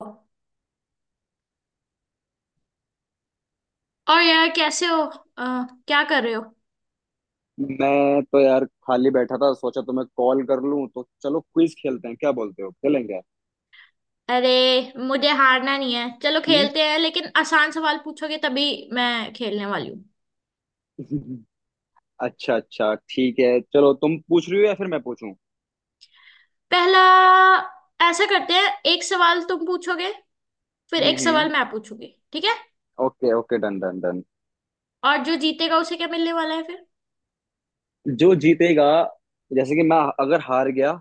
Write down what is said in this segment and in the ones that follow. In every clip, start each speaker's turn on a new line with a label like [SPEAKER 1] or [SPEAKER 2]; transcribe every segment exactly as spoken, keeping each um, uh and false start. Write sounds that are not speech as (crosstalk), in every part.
[SPEAKER 1] और यार कैसे हो। अ, क्या कर रहे हो?
[SPEAKER 2] मैं तो यार खाली बैठा था, सोचा तुम्हें कॉल कर लूं, तो चलो क्विज खेलते हैं। क्या बोलते हो, खेलेंगे?
[SPEAKER 1] अरे, मुझे हारना नहीं है, चलो खेलते हैं लेकिन आसान सवाल पूछोगे तभी मैं खेलने वाली हूँ।
[SPEAKER 2] हम्म। (laughs) अच्छा अच्छा, ठीक है। चलो, तुम पूछ रही हो या फिर मैं पूछूं?
[SPEAKER 1] पहला, ऐसा करते हैं, एक सवाल तुम पूछोगे, फिर
[SPEAKER 2] हम्म
[SPEAKER 1] एक सवाल
[SPEAKER 2] हम्म।
[SPEAKER 1] मैं पूछूंगी, ठीक है?
[SPEAKER 2] Okay okay, done done done.
[SPEAKER 1] और जो जीतेगा उसे क्या मिलने वाला है फिर?
[SPEAKER 2] जो जीतेगा, जैसे कि मैं अगर हार गया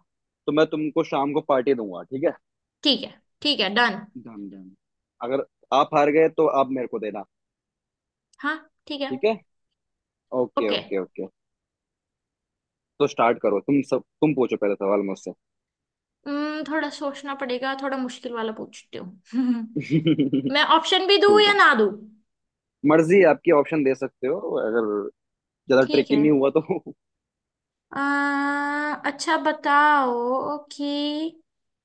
[SPEAKER 2] तो मैं तुमको शाम को पार्टी दूंगा, ठीक है।
[SPEAKER 1] ठीक है। ठीक है, डन।
[SPEAKER 2] Done done. अगर आप हार गए तो आप मेरे को देना।
[SPEAKER 1] हाँ। ठीक है।
[SPEAKER 2] ठीक है। Okay
[SPEAKER 1] okay.
[SPEAKER 2] Okay okay. तो स्टार्ट करो। तुम सब तुम पूछो पहले सवाल मुझसे।
[SPEAKER 1] हम्म थोड़ा सोचना पड़ेगा, थोड़ा मुश्किल वाला पूछती हूँ।
[SPEAKER 2] (laughs)
[SPEAKER 1] (laughs) मैं
[SPEAKER 2] ठीक
[SPEAKER 1] ऑप्शन भी दूँ या
[SPEAKER 2] है।
[SPEAKER 1] ना दूँ?
[SPEAKER 2] मर्जी है, आपकी। ऑप्शन दे सकते हो अगर ज्यादा
[SPEAKER 1] ठीक
[SPEAKER 2] ट्रिकी
[SPEAKER 1] है।
[SPEAKER 2] नहीं हुआ तो।
[SPEAKER 1] आ, अच्छा बताओ कि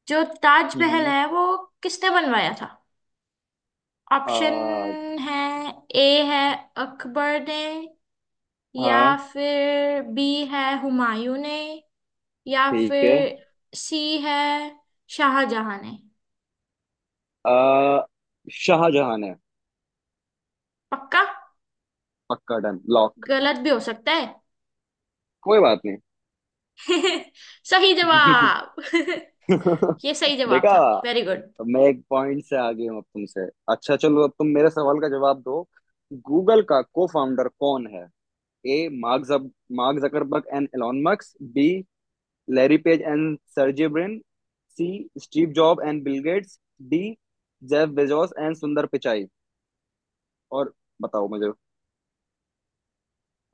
[SPEAKER 1] जो ताजमहल
[SPEAKER 2] हम्म।
[SPEAKER 1] है वो किसने बनवाया था? ऑप्शन
[SPEAKER 2] आ,
[SPEAKER 1] है: ए है अकबर ने, या
[SPEAKER 2] हाँ
[SPEAKER 1] फिर बी है हुमायूं ने, या
[SPEAKER 2] ठीक है।
[SPEAKER 1] फिर सी है शाहजहां ने।
[SPEAKER 2] आ, शाहजहां है।
[SPEAKER 1] पक्का?
[SPEAKER 2] पक्का, डन लॉक।
[SPEAKER 1] गलत भी हो सकता है।
[SPEAKER 2] कोई बात
[SPEAKER 1] (laughs) सही
[SPEAKER 2] नहीं।
[SPEAKER 1] जवाब।
[SPEAKER 2] (laughs)
[SPEAKER 1] (laughs) ये सही जवाब
[SPEAKER 2] देखा।
[SPEAKER 1] था। Very good.
[SPEAKER 2] मैं एक पॉइंट से आगे हूँ अब तुमसे। अच्छा चलो, अब तुम मेरे सवाल का जवाब दो। गूगल का को फाउंडर कौन है? ए मार्क जब Mark Zuckerberg and Elon Musk, B Larry Page and Sergey Brin, C Steve Job and Bill Gates, D Jeff Bezos and Sundar Pichai. और बताओ मुझे।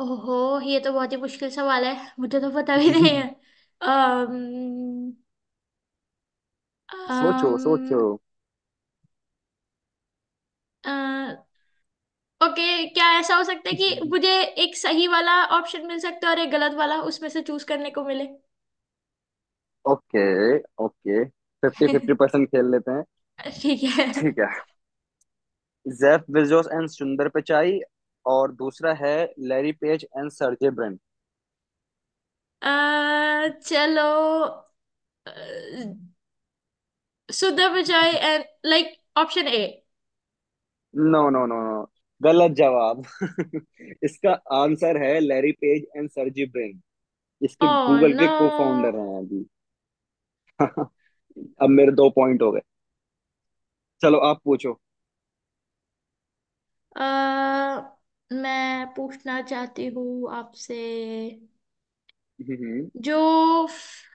[SPEAKER 1] ओहो, ये तो बहुत ही मुश्किल सवाल है। मुझे तो पता भी नहीं है।
[SPEAKER 2] (laughs)
[SPEAKER 1] अम्म
[SPEAKER 2] सोचो
[SPEAKER 1] अम्म
[SPEAKER 2] सोचो।
[SPEAKER 1] ओके। क्या ऐसा हो सकता है कि मुझे एक सही वाला ऑप्शन मिल सकता है और एक गलत वाला, उसमें से चूज करने को मिले?
[SPEAKER 2] Okay okay. Fifty fifty
[SPEAKER 1] (laughs)
[SPEAKER 2] percent खेल लेते हैं।
[SPEAKER 1] ठीक है।
[SPEAKER 2] ठीक है। Jeff Bezos and Sundar Pichai, और दूसरा है Larry Page and Sergey Brin.
[SPEAKER 1] अ, चलो, Sudha Vijay and, like option A.
[SPEAKER 2] No no no no, गलत जवाब। (laughs) इसका आंसर है Larry Page and Sergey Brin. इसके
[SPEAKER 1] ओ
[SPEAKER 2] गूगल
[SPEAKER 1] नो।
[SPEAKER 2] के को फाउंडर हैं अभी। (laughs) अब मेरे दो पॉइंट हो गए। चलो, आप पूछो।
[SPEAKER 1] मैं पूछना चाहती हूँ आपसे,
[SPEAKER 2] हम्म, हम्म।
[SPEAKER 1] जो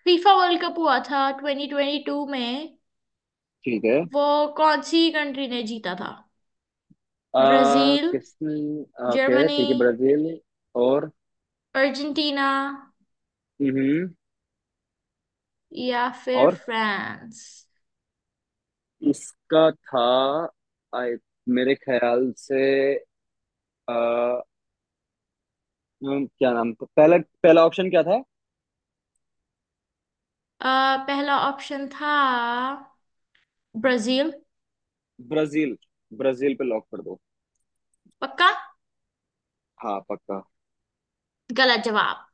[SPEAKER 1] फीफा वर्ल्ड कप हुआ था ट्वेंटी ट्वेंटी टू में,
[SPEAKER 2] ठीक है।
[SPEAKER 1] वो कौन सी कंट्री ने जीता था?
[SPEAKER 2] आ,
[SPEAKER 1] ब्राजील,
[SPEAKER 2] किसने? ओके
[SPEAKER 1] जर्मनी,
[SPEAKER 2] ठीक है, ब्राजील। और।
[SPEAKER 1] अर्जेंटीना
[SPEAKER 2] हम्म।
[SPEAKER 1] या फिर
[SPEAKER 2] और
[SPEAKER 1] फ्रांस।
[SPEAKER 2] इसका था, आई मेरे ख्याल से, आ, क्या नाम था पहला? पहला ऑप्शन क्या था?
[SPEAKER 1] अ, पहला ऑप्शन था ब्राजील।
[SPEAKER 2] ब्राजील। ब्राजील पे लॉक कर दो।
[SPEAKER 1] पक्का।
[SPEAKER 2] हाँ पक्का।
[SPEAKER 1] गलत जवाब।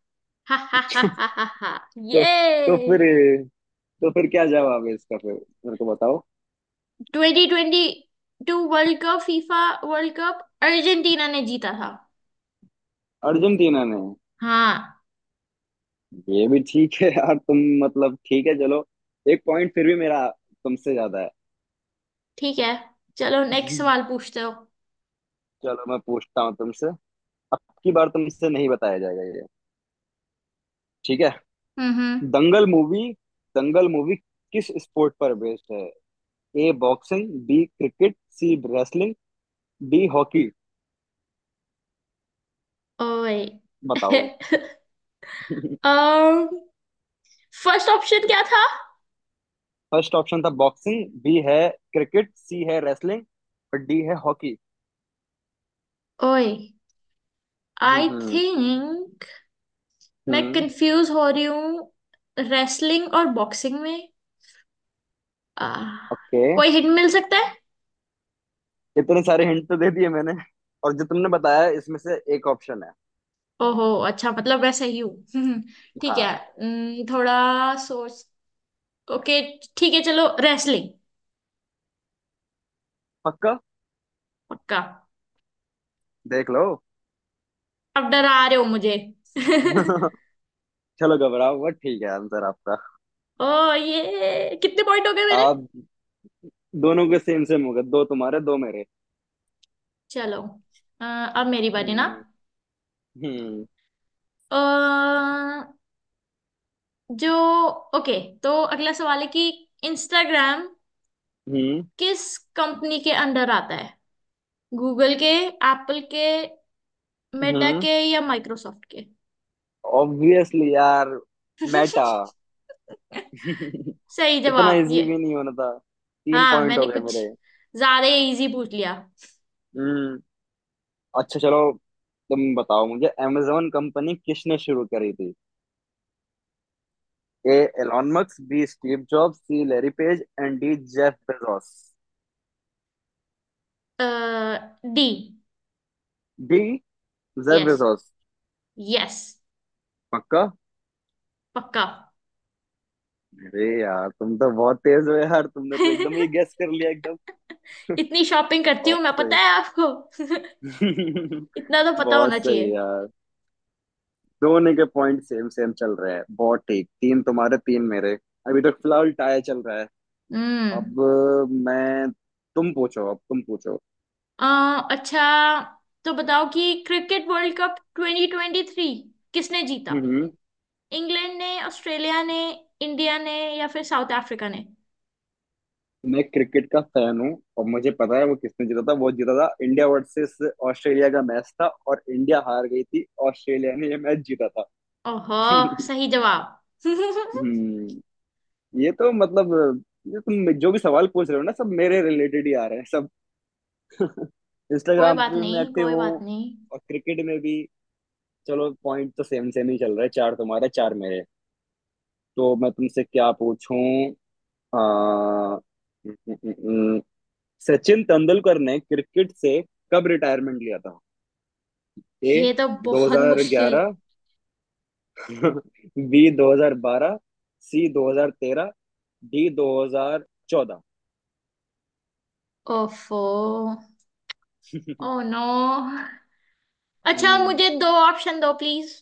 [SPEAKER 1] हा हा हा हा हा हा।
[SPEAKER 2] तो तो
[SPEAKER 1] ये
[SPEAKER 2] फिर तो फिर क्या जवाब है इसका? फिर मेरे को बताओ।
[SPEAKER 1] Twenty twenty two World Cup, FIFA World Cup Argentina ने जीता था।
[SPEAKER 2] अर्जेंटीना ने।
[SPEAKER 1] हाँ।
[SPEAKER 2] ये भी ठीक है यार तुम। मतलब, ठीक है चलो। एक पॉइंट फिर भी मेरा तुमसे ज्यादा है।
[SPEAKER 1] ठीक है। चलो नेक्स्ट सवाल
[SPEAKER 2] (laughs)
[SPEAKER 1] पूछते हो।
[SPEAKER 2] चलो, मैं पूछता हूँ तुमसे। अब की बार तुमसे नहीं बताया जाएगा ये, ठीक है?
[SPEAKER 1] हम्म हम्म।
[SPEAKER 2] दंगल मूवी दंगल मूवी किस स्पोर्ट पर बेस्ड है? A boxing, B cricket, C wrestling, D hockey.
[SPEAKER 1] ओए।
[SPEAKER 2] बताओ।
[SPEAKER 1] (laughs)
[SPEAKER 2] (laughs)
[SPEAKER 1] um फर्स्ट ऑप्शन क्या था?
[SPEAKER 2] फर्स्ट ऑप्शन था बॉक्सिंग, बी है क्रिकेट, सी है रेसलिंग, और डी है हॉकी।
[SPEAKER 1] ओए।
[SPEAKER 2] हम्म
[SPEAKER 1] आई
[SPEAKER 2] हम्म
[SPEAKER 1] थिंक मैं
[SPEAKER 2] हम्म।
[SPEAKER 1] कंफ्यूज हो रही हूँ रेसलिंग और बॉक्सिंग में। आह,
[SPEAKER 2] ओके।
[SPEAKER 1] कोई हिंट मिल सकता है?
[SPEAKER 2] इतने सारे हिंट तो दे दिए मैंने, और जो तुमने बताया इसमें से एक ऑप्शन है।
[SPEAKER 1] ओहो, अच्छा, मतलब मैं सही हूँ। (laughs) हम्म, ठीक है।
[SPEAKER 2] हाँ
[SPEAKER 1] हम्म, थोड़ा सोच। ओके। ठीक है। चलो, रेसलिंग।
[SPEAKER 2] पक्का,
[SPEAKER 1] पक्का।
[SPEAKER 2] देख लो।
[SPEAKER 1] अब डरा रहे हो मुझे। (laughs)
[SPEAKER 2] (laughs) चलो, घबराओ मत। ठीक है, आंसर आपका।
[SPEAKER 1] ओ। ये कितने पॉइंट हो गए मेरे?
[SPEAKER 2] आप दोनों के सेम सेम हो गए, दो तुम्हारे दो मेरे।
[SPEAKER 1] चलो, अ, अब मेरी बारी ना।
[SPEAKER 2] हम्म हम्म
[SPEAKER 1] अ, जो ओके, तो अगला सवाल है कि इंस्टाग्राम
[SPEAKER 2] हम्म
[SPEAKER 1] किस कंपनी के अंडर आता है? गूगल के, एप्पल के, मेटा
[SPEAKER 2] हम्म।
[SPEAKER 1] के, या माइक्रोसॉफ्ट के?
[SPEAKER 2] ऑब्वियसली यार, मेटा।
[SPEAKER 1] (laughs)
[SPEAKER 2] (laughs)
[SPEAKER 1] सही
[SPEAKER 2] इतना
[SPEAKER 1] जवाब ये।
[SPEAKER 2] इजी भी नहीं होना था। तीन
[SPEAKER 1] हाँ,
[SPEAKER 2] पॉइंट हो
[SPEAKER 1] मैंने
[SPEAKER 2] गए
[SPEAKER 1] कुछ
[SPEAKER 2] मेरे।
[SPEAKER 1] ज्यादा इजी पूछ लिया।
[SPEAKER 2] हम्म। अच्छा चलो, तुम बताओ मुझे amazon कंपनी किसने शुरू करी थी? A Elon Musk, B Steve Jobs, C Larry Page, and D Jeff Bezos.
[SPEAKER 1] D.
[SPEAKER 2] D Jeff
[SPEAKER 1] yes.
[SPEAKER 2] Bezos.
[SPEAKER 1] Yes.
[SPEAKER 2] पक्का।
[SPEAKER 1] पक्का।
[SPEAKER 2] अरे यार, तुम तो बहुत तेज हो यार, तुमने तो एकदम ही
[SPEAKER 1] (laughs)
[SPEAKER 2] गेस कर लिया, एकदम।
[SPEAKER 1] इतनी शॉपिंग
[SPEAKER 2] (laughs)
[SPEAKER 1] करती हूँ
[SPEAKER 2] बहुत
[SPEAKER 1] मैं, पता
[SPEAKER 2] सही।
[SPEAKER 1] है आपको। (laughs)
[SPEAKER 2] (laughs)
[SPEAKER 1] इतना तो पता
[SPEAKER 2] बहुत
[SPEAKER 1] होना
[SPEAKER 2] सही
[SPEAKER 1] चाहिए।
[SPEAKER 2] यार। दोनों के पॉइंट सेम सेम चल रहे हैं, बहुत ठीक, तीन तुम्हारे तीन मेरे। अभी तक फिलहाल टाई चल रहा है।
[SPEAKER 1] हम्म।
[SPEAKER 2] अब अ, मैं, तुम पूछो अब तुम पूछो।
[SPEAKER 1] अ, अच्छा, तो बताओ कि cricket world cup twenty twenty three किसने जीता?
[SPEAKER 2] हम्म।
[SPEAKER 1] इंग्लैंड ने, ऑस्ट्रेलिया ने, इंडिया ने या फिर साउथ अफ्रीका ने?
[SPEAKER 2] मैं क्रिकेट का फैन हूँ और मुझे पता है वो किसने जीता था। वो जीता था, इंडिया वर्सेस ऑस्ट्रेलिया का मैच था और इंडिया हार गई थी, ऑस्ट्रेलिया ने ये मैच जीता था।
[SPEAKER 1] ओहो।
[SPEAKER 2] (laughs)
[SPEAKER 1] सही जवाब। (laughs)
[SPEAKER 2] हम्म। ये तो मतलब, ये तुम जो भी सवाल पूछ रहे हो ना, सब मेरे रिलेटेड ही आ रहे हैं सब। (laughs)
[SPEAKER 1] कोई
[SPEAKER 2] इंस्टाग्राम पे
[SPEAKER 1] बात
[SPEAKER 2] भी मैं
[SPEAKER 1] नहीं,
[SPEAKER 2] एक्टिव
[SPEAKER 1] कोई बात
[SPEAKER 2] हूँ
[SPEAKER 1] नहीं।
[SPEAKER 2] और क्रिकेट में भी। चलो, पॉइंट तो सेम सेम ही चल रहा है, चार तुम्हारे चार मेरे। तो मैं तुमसे क्या पूछूं? आ, न- न- न- सचिन तेंदुलकर ने क्रिकेट से कब रिटायरमेंट लिया था? ए
[SPEAKER 1] ये तो बहुत मुश्किल।
[SPEAKER 2] दो हज़ार ग्यारह, (laughs) बी दो हज़ार बारह, सी दो हज़ार तेरह, डी दो हज़ार चौदह।
[SPEAKER 1] ओफो। Oh
[SPEAKER 2] (laughs)
[SPEAKER 1] no. अच्छा,
[SPEAKER 2] हम्म,
[SPEAKER 1] मुझे दो ऑप्शन दो प्लीज।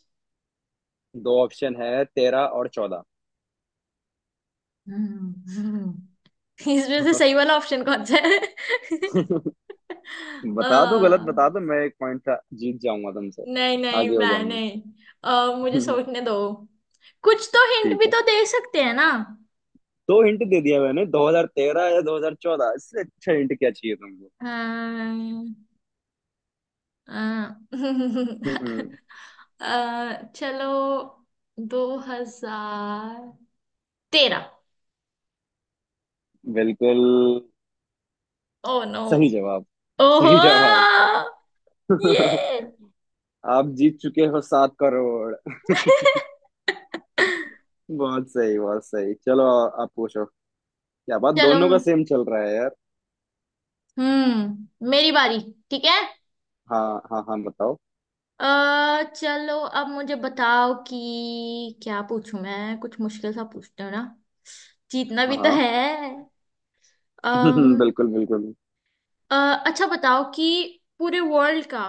[SPEAKER 2] दो ऑप्शन है, तेरह और चौदह।
[SPEAKER 1] (laughs) हम्म, हम्म। इसमें से सही
[SPEAKER 2] (laughs)
[SPEAKER 1] वाला ऑप्शन कौन सा है? (laughs) अ,
[SPEAKER 2] बता दो, गलत बता दो, मैं एक पॉइंट जीत जाऊंगा तुमसे।
[SPEAKER 1] नहीं नहीं,
[SPEAKER 2] आगे हो
[SPEAKER 1] मैं
[SPEAKER 2] जाऊंगी।
[SPEAKER 1] नहीं। अ, मुझे
[SPEAKER 2] (laughs)
[SPEAKER 1] सोचने दो। कुछ तो हिंट
[SPEAKER 2] ठीक
[SPEAKER 1] भी
[SPEAKER 2] है।
[SPEAKER 1] तो दे सकते हैं ना।
[SPEAKER 2] दो हिंट दे दिया मैंने, दो हज़ार तेरह या दो हज़ार चौदह, इससे अच्छा हिंट क्या चाहिए तुमको?
[SPEAKER 1] अम्म, अ,
[SPEAKER 2] हम्म।
[SPEAKER 1] (laughs) अ, चलो, दो हजार तेरह।
[SPEAKER 2] बिल्कुल।
[SPEAKER 1] Oh no.
[SPEAKER 2] सही जवाब। सही जवाब।
[SPEAKER 1] ओहो।
[SPEAKER 2] (laughs)
[SPEAKER 1] ये।
[SPEAKER 2] आप जीत चुके हो सात करोड़। (laughs) बहुत सही, बहुत सही। चलो, आप पूछो। क्या बात,
[SPEAKER 1] चलो।
[SPEAKER 2] दोनों का सेम चल रहा है यार।
[SPEAKER 1] हम्म मेरी बारी। ठीक है।
[SPEAKER 2] हाँ हाँ हाँ, बताओ।
[SPEAKER 1] अ चलो, अब मुझे बताओ कि क्या पूछूं मैं? कुछ मुश्किल सा पूछते हो ना, जीतना भी तो
[SPEAKER 2] हाँ।
[SPEAKER 1] है।
[SPEAKER 2] (laughs)
[SPEAKER 1] अम,
[SPEAKER 2] बिल्कुल बिल्कुल।
[SPEAKER 1] अ, अच्छा बताओ कि पूरे वर्ल्ड का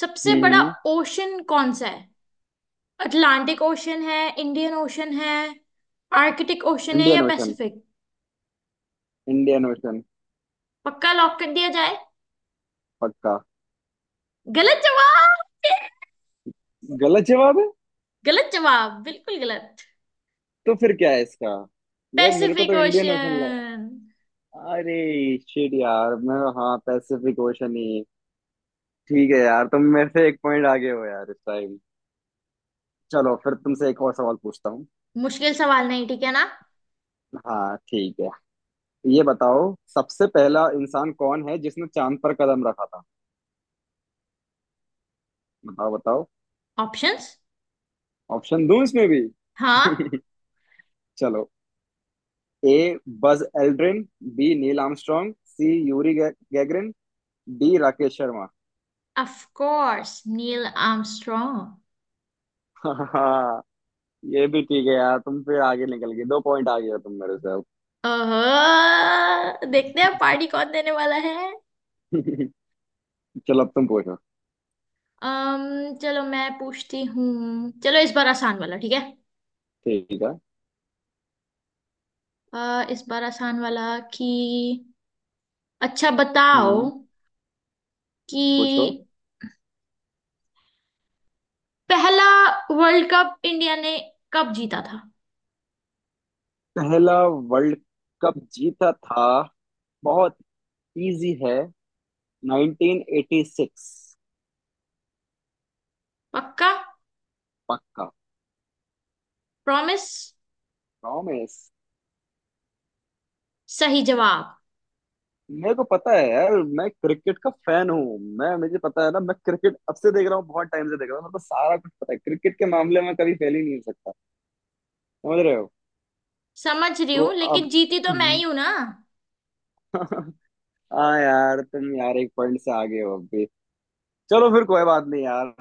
[SPEAKER 1] सबसे बड़ा
[SPEAKER 2] हम्म।
[SPEAKER 1] ओशन कौन सा है? अटलांटिक ओशन है, इंडियन ओशन है, आर्कटिक ओशन है या
[SPEAKER 2] Indian ocean,
[SPEAKER 1] Pacific?
[SPEAKER 2] Indian ocean.
[SPEAKER 1] पक्का? लॉक कर दिया जाए।
[SPEAKER 2] पक्का।
[SPEAKER 1] गलत जवाब।
[SPEAKER 2] गलत जवाब है।
[SPEAKER 1] गलत जवाब, बिल्कुल गलत।
[SPEAKER 2] तो फिर क्या है इसका? यार, मेरे को
[SPEAKER 1] पैसिफिक
[SPEAKER 2] तो इंडियन ओशन...
[SPEAKER 1] ओशन।
[SPEAKER 2] अरे शिट यार। मैं... हाँ, पैसिफिक ओशन ही। ठीक है यार, तुम मेरे से एक पॉइंट आगे हो यार इस टाइम। चलो, फिर तुमसे एक और सवाल पूछता हूँ।
[SPEAKER 1] मुश्किल सवाल नहीं, ठीक है ना?
[SPEAKER 2] हाँ ठीक है। ये बताओ, सबसे पहला इंसान कौन है जिसने चांद पर कदम रखा था? बताओ बताओ।
[SPEAKER 1] ऑप्शंस?
[SPEAKER 2] ऑप्शन दूं इसमें भी?
[SPEAKER 1] हाँ।
[SPEAKER 2] (laughs) चलो। A Buzz Aldrin, B Neil Armstrong, C Yuri गे, Gagarin, D Rakesh Sharma.
[SPEAKER 1] Of course, Neil Armstrong.
[SPEAKER 2] हाँ। (laughs) ये भी ठीक है यार तुम, फिर आगे निकल गए। दो पॉइंट आगे हो तुम मेरे से अब।
[SPEAKER 1] ओह। देखते हैं पार्टी कौन देने वाला है।
[SPEAKER 2] (laughs) चलो, अब तुम पूछो।
[SPEAKER 1] अम्म चलो, मैं पूछती हूँ। चलो, इस बार आसान वाला, ठीक है?
[SPEAKER 2] ठीक है।
[SPEAKER 1] अ, इस बार आसान वाला कि अच्छा बताओ
[SPEAKER 2] हम्म। पूछो।
[SPEAKER 1] कि पहला वर्ल्ड कप इंडिया ने कब जीता था?
[SPEAKER 2] पहला। वर्ल्ड। कप जीता था, बहुत इजी है, नाइनटीन एटी सिक्स।
[SPEAKER 1] पक्का?
[SPEAKER 2] पक्का।
[SPEAKER 1] प्रॉमिस।
[SPEAKER 2] प्रॉमिस।
[SPEAKER 1] सही जवाब।
[SPEAKER 2] मेरे को पता है यार। मैं क्रिकेट का फैन हूँ। मैं, मुझे पता है ना, मैं क्रिकेट अब से देख रहा हूँ, बहुत टाइम से देख रहा हूँ, मेरे को सारा कुछ पता है क्रिकेट के मामले में, कभी फेल ही नहीं हो सकता। समझ रहे हो?
[SPEAKER 1] समझ रही
[SPEAKER 2] तो
[SPEAKER 1] हूँ, लेकिन
[SPEAKER 2] अब।
[SPEAKER 1] जीती तो मैं ही हूं ना।
[SPEAKER 2] (laughs) हाँ यार, तुम यार एक पॉइंट से आगे हो। चलो फिर, कोई बात नहीं यार।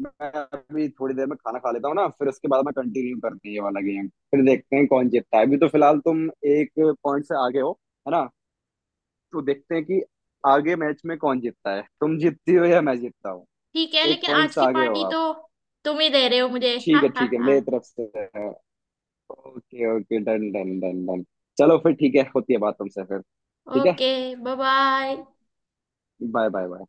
[SPEAKER 2] मैं अभी थोड़ी देर में खाना खा लेता हूँ ना, फिर उसके बाद में कंटिन्यू करते हैं ये वाला गेम। फिर देखते हैं कौन जीतता है। अभी तो फिलहाल तुम एक पॉइंट से आगे हो, है ना? तो देखते हैं कि आगे मैच में कौन जीतता है, तुम जीतती हो या मैं जीतता हूँ।
[SPEAKER 1] ठीक है,
[SPEAKER 2] एक
[SPEAKER 1] लेकिन
[SPEAKER 2] पॉइंट
[SPEAKER 1] आज
[SPEAKER 2] से
[SPEAKER 1] की
[SPEAKER 2] आगे हो
[SPEAKER 1] पार्टी
[SPEAKER 2] आप।
[SPEAKER 1] तो तुम ही दे रहे हो मुझे। (laughs) हा
[SPEAKER 2] ठीक है
[SPEAKER 1] हा
[SPEAKER 2] ठीक है,
[SPEAKER 1] हा।
[SPEAKER 2] मेरी तरफ से। Okay okay, done done done done. चलो फिर, ठीक है। होती है बात तुमसे फिर। ठीक है।
[SPEAKER 1] Okay. Bye bye.
[SPEAKER 2] Bye bye bye.